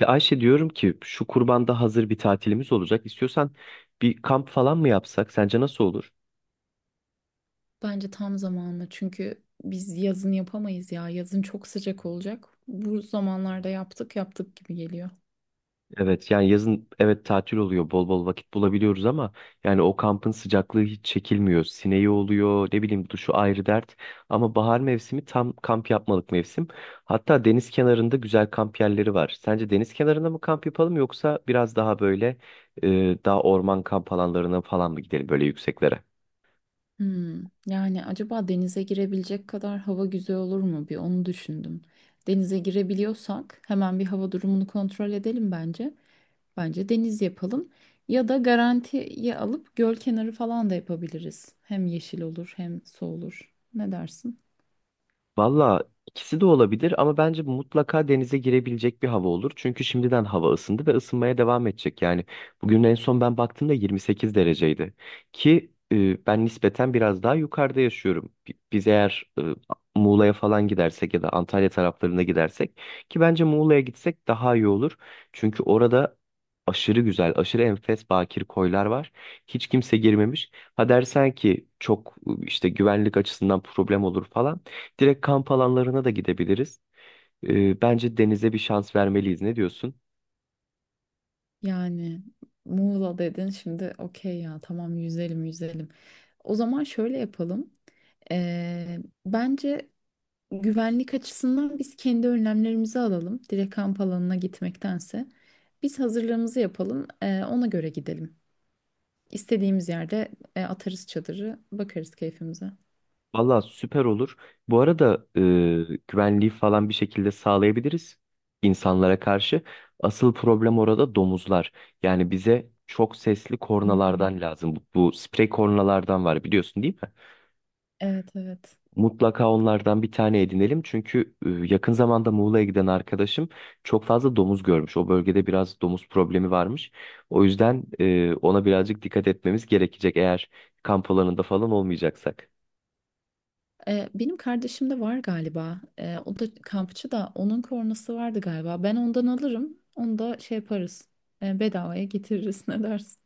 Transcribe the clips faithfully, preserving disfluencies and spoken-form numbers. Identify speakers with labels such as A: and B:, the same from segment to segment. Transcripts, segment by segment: A: Ya Ayşe diyorum ki şu kurbanda hazır bir tatilimiz olacak. İstiyorsan bir kamp falan mı yapsak? Sence nasıl olur?
B: Bence tam zamanlı çünkü biz yazın yapamayız ya. Yazın çok sıcak olacak. Bu zamanlarda yaptık yaptık gibi geliyor.
A: Evet yani yazın evet tatil oluyor. Bol bol vakit bulabiliyoruz ama yani o kampın sıcaklığı hiç çekilmiyor. Sineği oluyor, ne bileyim duşu ayrı dert. Ama bahar mevsimi tam kamp yapmalık mevsim. Hatta deniz kenarında güzel kamp yerleri var. Sence deniz kenarında mı kamp yapalım yoksa biraz daha böyle e, daha orman kamp alanlarına falan mı gidelim böyle yükseklere?
B: Hmm, yani acaba denize girebilecek kadar hava güzel olur mu? Bir onu düşündüm. Denize girebiliyorsak hemen bir hava durumunu kontrol edelim bence. Bence deniz yapalım. Ya da garantiye alıp göl kenarı falan da yapabiliriz. Hem yeşil olur hem su olur. Ne dersin?
A: Valla ikisi de olabilir ama bence mutlaka denize girebilecek bir hava olur. Çünkü şimdiden hava ısındı ve ısınmaya devam edecek. Yani bugün en son ben baktığımda yirmi sekiz dereceydi. Ki e, ben nispeten biraz daha yukarıda yaşıyorum. Bi- Biz eğer e, Muğla'ya falan gidersek ya da Antalya taraflarına gidersek ki bence Muğla'ya gitsek daha iyi olur. Çünkü orada aşırı güzel, aşırı enfes bakir koylar var. Hiç kimse girmemiş. Ha dersen ki çok e, işte güvenlik açısından problem olur falan. Direkt kamp alanlarına da gidebiliriz. Ee, bence denize bir şans vermeliyiz. Ne diyorsun?
B: Yani Muğla dedin şimdi okey ya tamam yüzelim yüzelim. O zaman şöyle yapalım. Ee, Bence güvenlik açısından biz kendi önlemlerimizi alalım. Direkt kamp alanına gitmektense. Biz hazırlığımızı yapalım ee, ona göre gidelim. İstediğimiz yerde e, atarız çadırı bakarız keyfimize.
A: Valla süper olur. Bu arada e, güvenliği falan bir şekilde sağlayabiliriz insanlara karşı. Asıl problem orada domuzlar. Yani bize çok sesli
B: Hı hı.
A: kornalardan lazım. Bu, bu sprey kornalardan var biliyorsun değil mi?
B: Evet evet.
A: Mutlaka onlardan bir tane edinelim. Çünkü e, yakın zamanda Muğla'ya giden arkadaşım çok fazla domuz görmüş. O bölgede biraz domuz problemi varmış. O yüzden e, ona birazcık dikkat etmemiz gerekecek eğer kamp alanında falan olmayacaksak.
B: Ee, benim kardeşim de var galiba. Ee, o da kampçı da onun kornası vardı galiba. Ben ondan alırım. Onu da şey yaparız. Ee, bedavaya getiririz ne dersin?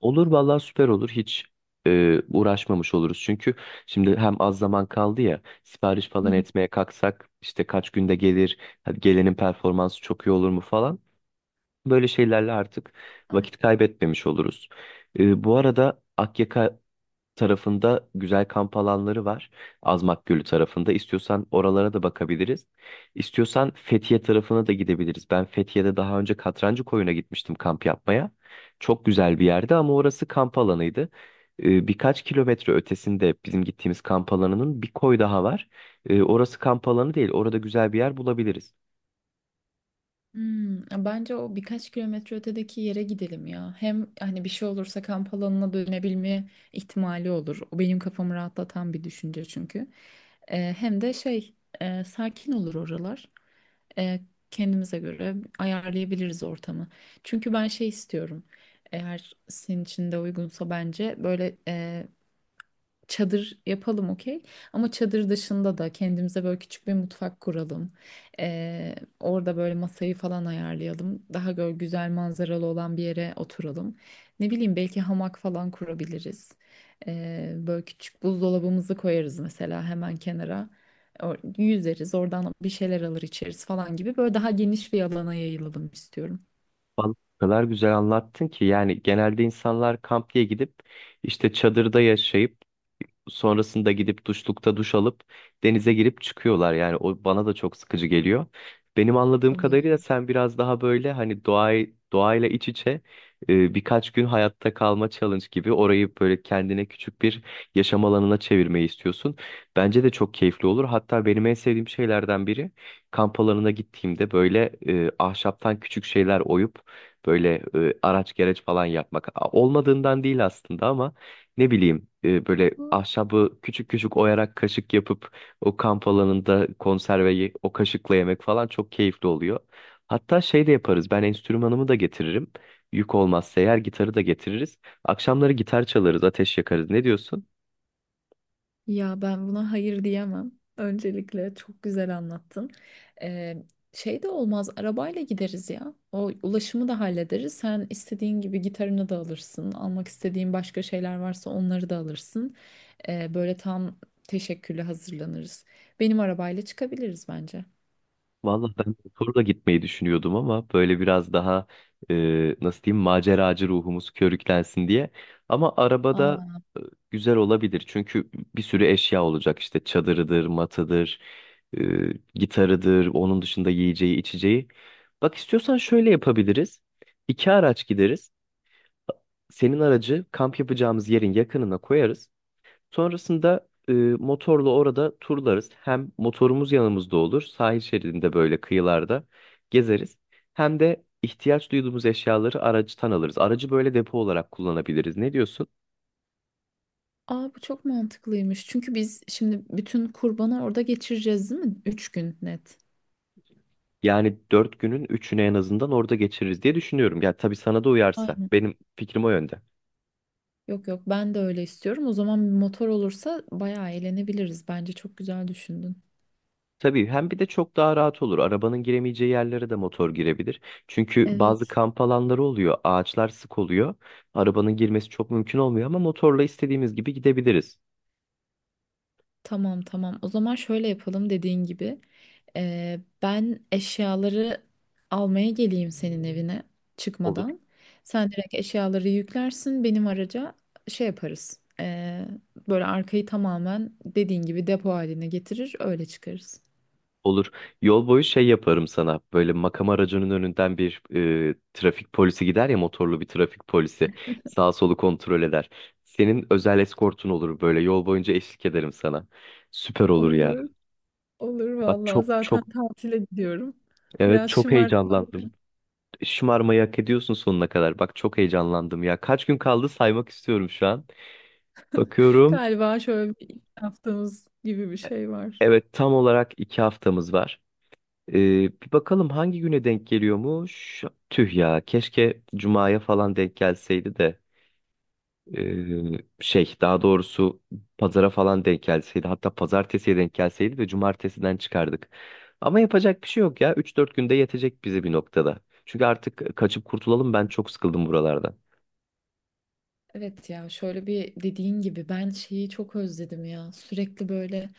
A: Olur vallahi süper olur. Hiç e, uğraşmamış oluruz. Çünkü şimdi hem az zaman kaldı ya sipariş
B: Hı
A: falan
B: hı.
A: etmeye kalksak işte kaç günde gelir, hadi gelenin performansı çok iyi olur mu falan. Böyle şeylerle artık vakit kaybetmemiş oluruz. Ee, bu arada Akyaka tarafında güzel kamp alanları var. Azmak Gölü tarafında. İstiyorsan oralara da bakabiliriz. İstiyorsan Fethiye tarafına da gidebiliriz. Ben Fethiye'de daha önce Katrancı Koyun'a gitmiştim kamp yapmaya. Çok güzel bir yerdi ama orası kamp alanıydı. Ee, birkaç kilometre ötesinde bizim gittiğimiz kamp alanının bir koy daha var. Ee, orası kamp alanı değil. Orada güzel bir yer bulabiliriz.
B: Hmm, bence o birkaç kilometre ötedeki yere gidelim ya. Hem hani bir şey olursa kamp alanına dönebilme ihtimali olur. O benim kafamı rahatlatan bir düşünce çünkü. Ee, hem de şey e, sakin olur oralar. e, Kendimize göre ayarlayabiliriz ortamı. Çünkü ben şey istiyorum. Eğer senin için de uygunsa bence böyle e, çadır yapalım okey. Ama çadır dışında da kendimize böyle küçük bir mutfak kuralım. Ee, orada böyle masayı falan ayarlayalım. Daha böyle güzel manzaralı olan bir yere oturalım. Ne bileyim belki hamak falan kurabiliriz. Ee, böyle küçük buzdolabımızı koyarız mesela hemen kenara. Or- Yüzeriz oradan bir şeyler alır içeriz falan gibi. Böyle daha geniş bir alana yayılalım istiyorum.
A: Vallahi o kadar güzel anlattın ki yani genelde insanlar kamp diye gidip işte çadırda yaşayıp sonrasında gidip duşlukta duş alıp denize girip çıkıyorlar. Yani o bana da çok sıkıcı geliyor. Benim anladığım kadarıyla sen biraz daha böyle hani doğayı doğayla iç içe e, birkaç gün hayatta kalma challenge gibi orayı böyle kendine küçük bir yaşam alanına çevirmeyi istiyorsun. Bence de çok keyifli olur. Hatta benim en sevdiğim şeylerden biri kamp alanına gittiğimde böyle e, ahşaptan küçük şeyler oyup böyle e, araç gereç falan yapmak. A- Olmadığından değil aslında ama ne bileyim e, böyle ahşabı küçük küçük oyarak kaşık yapıp o kamp alanında konserveyi o kaşıkla yemek falan çok keyifli oluyor. Hatta şey de yaparız. Ben enstrümanımı da getiririm. Yük olmazsa eğer gitarı da getiririz. Akşamları gitar çalarız, ateş yakarız. Ne diyorsun?
B: Ya ben buna hayır diyemem. Öncelikle çok güzel anlattın. Ee, Şey de olmaz, arabayla gideriz ya. O ulaşımı da hallederiz. Sen istediğin gibi gitarını da alırsın. Almak istediğin başka şeyler varsa onları da alırsın. Ee, böyle tam teşekküllü hazırlanırız. Benim arabayla çıkabiliriz bence.
A: Vallahi ben motorla gitmeyi düşünüyordum ama böyle biraz daha e, nasıl diyeyim maceracı ruhumuz körüklensin diye. Ama arabada
B: Aa.
A: e, güzel olabilir çünkü bir sürü eşya olacak işte çadırıdır, matıdır, e, gitarıdır, onun dışında yiyeceği, içeceği. Bak istiyorsan şöyle yapabiliriz. İki araç gideriz. Senin aracı kamp yapacağımız yerin yakınına koyarız. Sonrasında e, motorla orada turlarız. Hem motorumuz yanımızda olur, sahil şeridinde böyle kıyılarda gezeriz. Hem de ihtiyaç duyduğumuz eşyaları aracıtan alırız. Aracı böyle depo olarak kullanabiliriz. Ne diyorsun?
B: Aa, bu çok mantıklıymış. Çünkü biz şimdi bütün kurbanı orada geçireceğiz, değil mi? Üç gün net.
A: Yani dört günün üçünü en azından orada geçiririz diye düşünüyorum. Ya tabii sana da uyarsa.
B: Aynen.
A: Benim fikrim o yönde.
B: Yok yok ben de öyle istiyorum. O zaman bir motor olursa bayağı eğlenebiliriz. Bence çok güzel düşündün.
A: Tabii hem bir de çok daha rahat olur. Arabanın giremeyeceği yerlere de motor girebilir. Çünkü bazı
B: Evet.
A: kamp alanları oluyor. Ağaçlar sık oluyor. Arabanın girmesi çok mümkün olmuyor ama motorla istediğimiz gibi gidebiliriz.
B: Tamam tamam. O zaman şöyle yapalım dediğin gibi. Ee, ben eşyaları almaya geleyim senin evine
A: Olur,
B: çıkmadan. Sen direkt eşyaları yüklersin benim araca şey yaparız. Ee, böyle arkayı tamamen dediğin gibi depo haline getirir öyle çıkarız.
A: olur. Yol boyu şey yaparım sana. Böyle makam aracının önünden bir e, trafik polisi gider ya motorlu bir trafik polisi. Sağ solu kontrol eder. Senin özel eskortun olur böyle. Yol boyunca eşlik ederim sana. Süper olur ya.
B: Olur. Olur
A: Bak
B: vallahi.
A: çok
B: Zaten
A: çok
B: tatile gidiyorum.
A: evet
B: Biraz
A: çok heyecanlandım.
B: şımartılabilir.
A: Şımarmayı hak ediyorsun sonuna kadar. Bak çok heyecanlandım ya. Kaç gün kaldı saymak istiyorum şu an. Bakıyorum.
B: Galiba şöyle bir yaptığımız gibi bir şey var.
A: Evet tam olarak iki haftamız var. Ee, Bir bakalım hangi güne denk geliyormuş? Tüh ya, keşke Cuma'ya falan denk gelseydi de ee, şey daha doğrusu pazara falan denk gelseydi hatta pazartesiye denk gelseydi de cumartesiden çıkardık. Ama yapacak bir şey yok ya üç dört günde yetecek bizi bir noktada. Çünkü artık kaçıp kurtulalım ben çok sıkıldım buralardan.
B: Evet ya şöyle bir dediğin gibi ben şeyi çok özledim ya. Sürekli böyle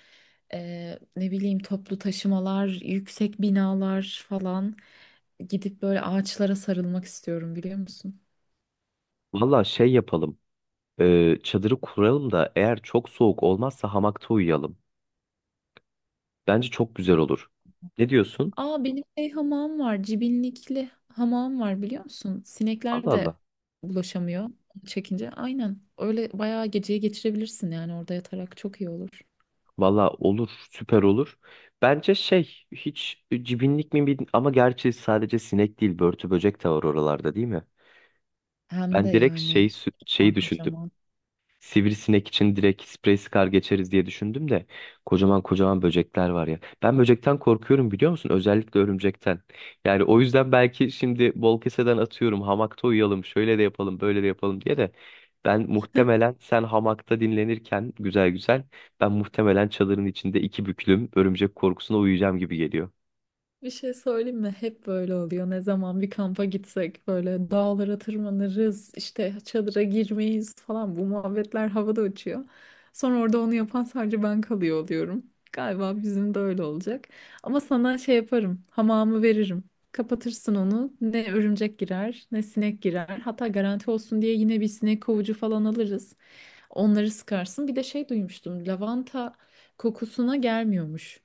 B: e, ne bileyim toplu taşımalar, yüksek binalar falan gidip böyle ağaçlara sarılmak istiyorum biliyor musun?
A: Valla şey yapalım ee, çadırı kuralım da eğer çok soğuk olmazsa hamakta uyuyalım. Bence çok güzel olur. Ne diyorsun?
B: Aa benim şey hamam var, cibinlikli hamam var biliyor musun? Sinekler
A: Allah
B: de
A: Allah.
B: bulaşamıyor çekince. Aynen öyle bayağı geceyi geçirebilirsin yani orada yatarak çok iyi olur.
A: Valla olur, süper olur. Bence şey, hiç cibinlik mi bilmiyorum ama gerçi sadece sinek değil, börtü böcek de var oralarda değil mi?
B: Hem de
A: Ben direkt
B: yani
A: şey, sü-
B: kocaman
A: şeyi düşündüm.
B: kocaman.
A: Sivrisinek için direkt sprey sıkar geçeriz diye düşündüm de kocaman kocaman böcekler var ya. Ben böcekten korkuyorum biliyor musun? Özellikle örümcekten. Yani o yüzden belki şimdi bol keseden atıyorum hamakta uyuyalım şöyle de yapalım böyle de yapalım diye de ben muhtemelen sen hamakta dinlenirken güzel güzel ben muhtemelen çadırın içinde iki büklüm örümcek korkusuna uyuyacağım gibi geliyor.
B: Bir şey söyleyeyim mi? Hep böyle oluyor. Ne zaman bir kampa gitsek böyle dağlara tırmanırız, işte çadıra girmeyiz falan. Bu muhabbetler havada uçuyor. Sonra orada onu yapan sadece ben kalıyor oluyorum. Galiba bizim de öyle olacak. Ama sana şey yaparım, hamamı veririm. Kapatırsın onu. Ne örümcek girer, ne sinek girer. Hatta garanti olsun diye yine bir sinek kovucu falan alırız. Onları sıkarsın. Bir de şey duymuştum, lavanta kokusuna gelmiyormuş.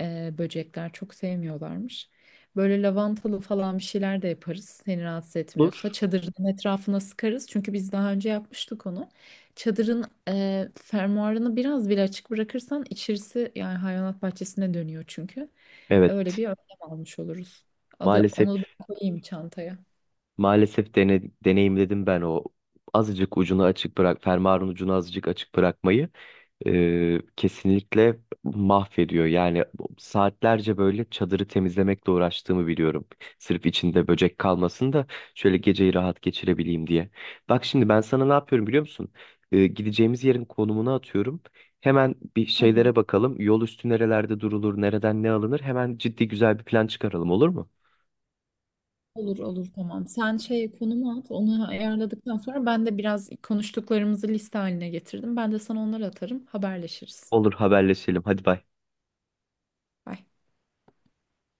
B: Ee, böcekler çok sevmiyorlarmış. Böyle lavantalı falan bir şeyler de yaparız. Seni rahatsız etmiyorsa
A: Olur.
B: çadırın etrafına sıkarız. Çünkü biz daha önce yapmıştık onu. Çadırın e, fermuarını biraz bile açık bırakırsan içerisi yani hayvanat bahçesine dönüyor çünkü. Öyle
A: Evet.
B: bir önlem almış oluruz. Al,
A: Maalesef
B: onu ben koyayım çantaya.
A: maalesef dene, deneyimledim ben o azıcık ucunu açık bırak fermuarın ucunu azıcık açık bırakmayı. E, kesinlikle mahvediyor. Yani saatlerce böyle çadırı temizlemekle uğraştığımı biliyorum. Sırf içinde böcek kalmasın da şöyle geceyi rahat geçirebileyim diye. Bak şimdi ben sana ne yapıyorum biliyor musun? E, gideceğimiz yerin konumunu atıyorum. Hemen bir
B: Hı hı.
A: şeylere bakalım. Yol üstü nerelerde durulur, nereden ne alınır? Hemen ciddi güzel bir plan çıkaralım olur mu?
B: Olur olur tamam. Sen şey konumu at. Onu ayarladıktan sonra ben de biraz konuştuklarımızı liste haline getirdim. Ben de sana onları atarım. Haberleşiriz.
A: Olur haberleşelim. Hadi bay.
B: Bye.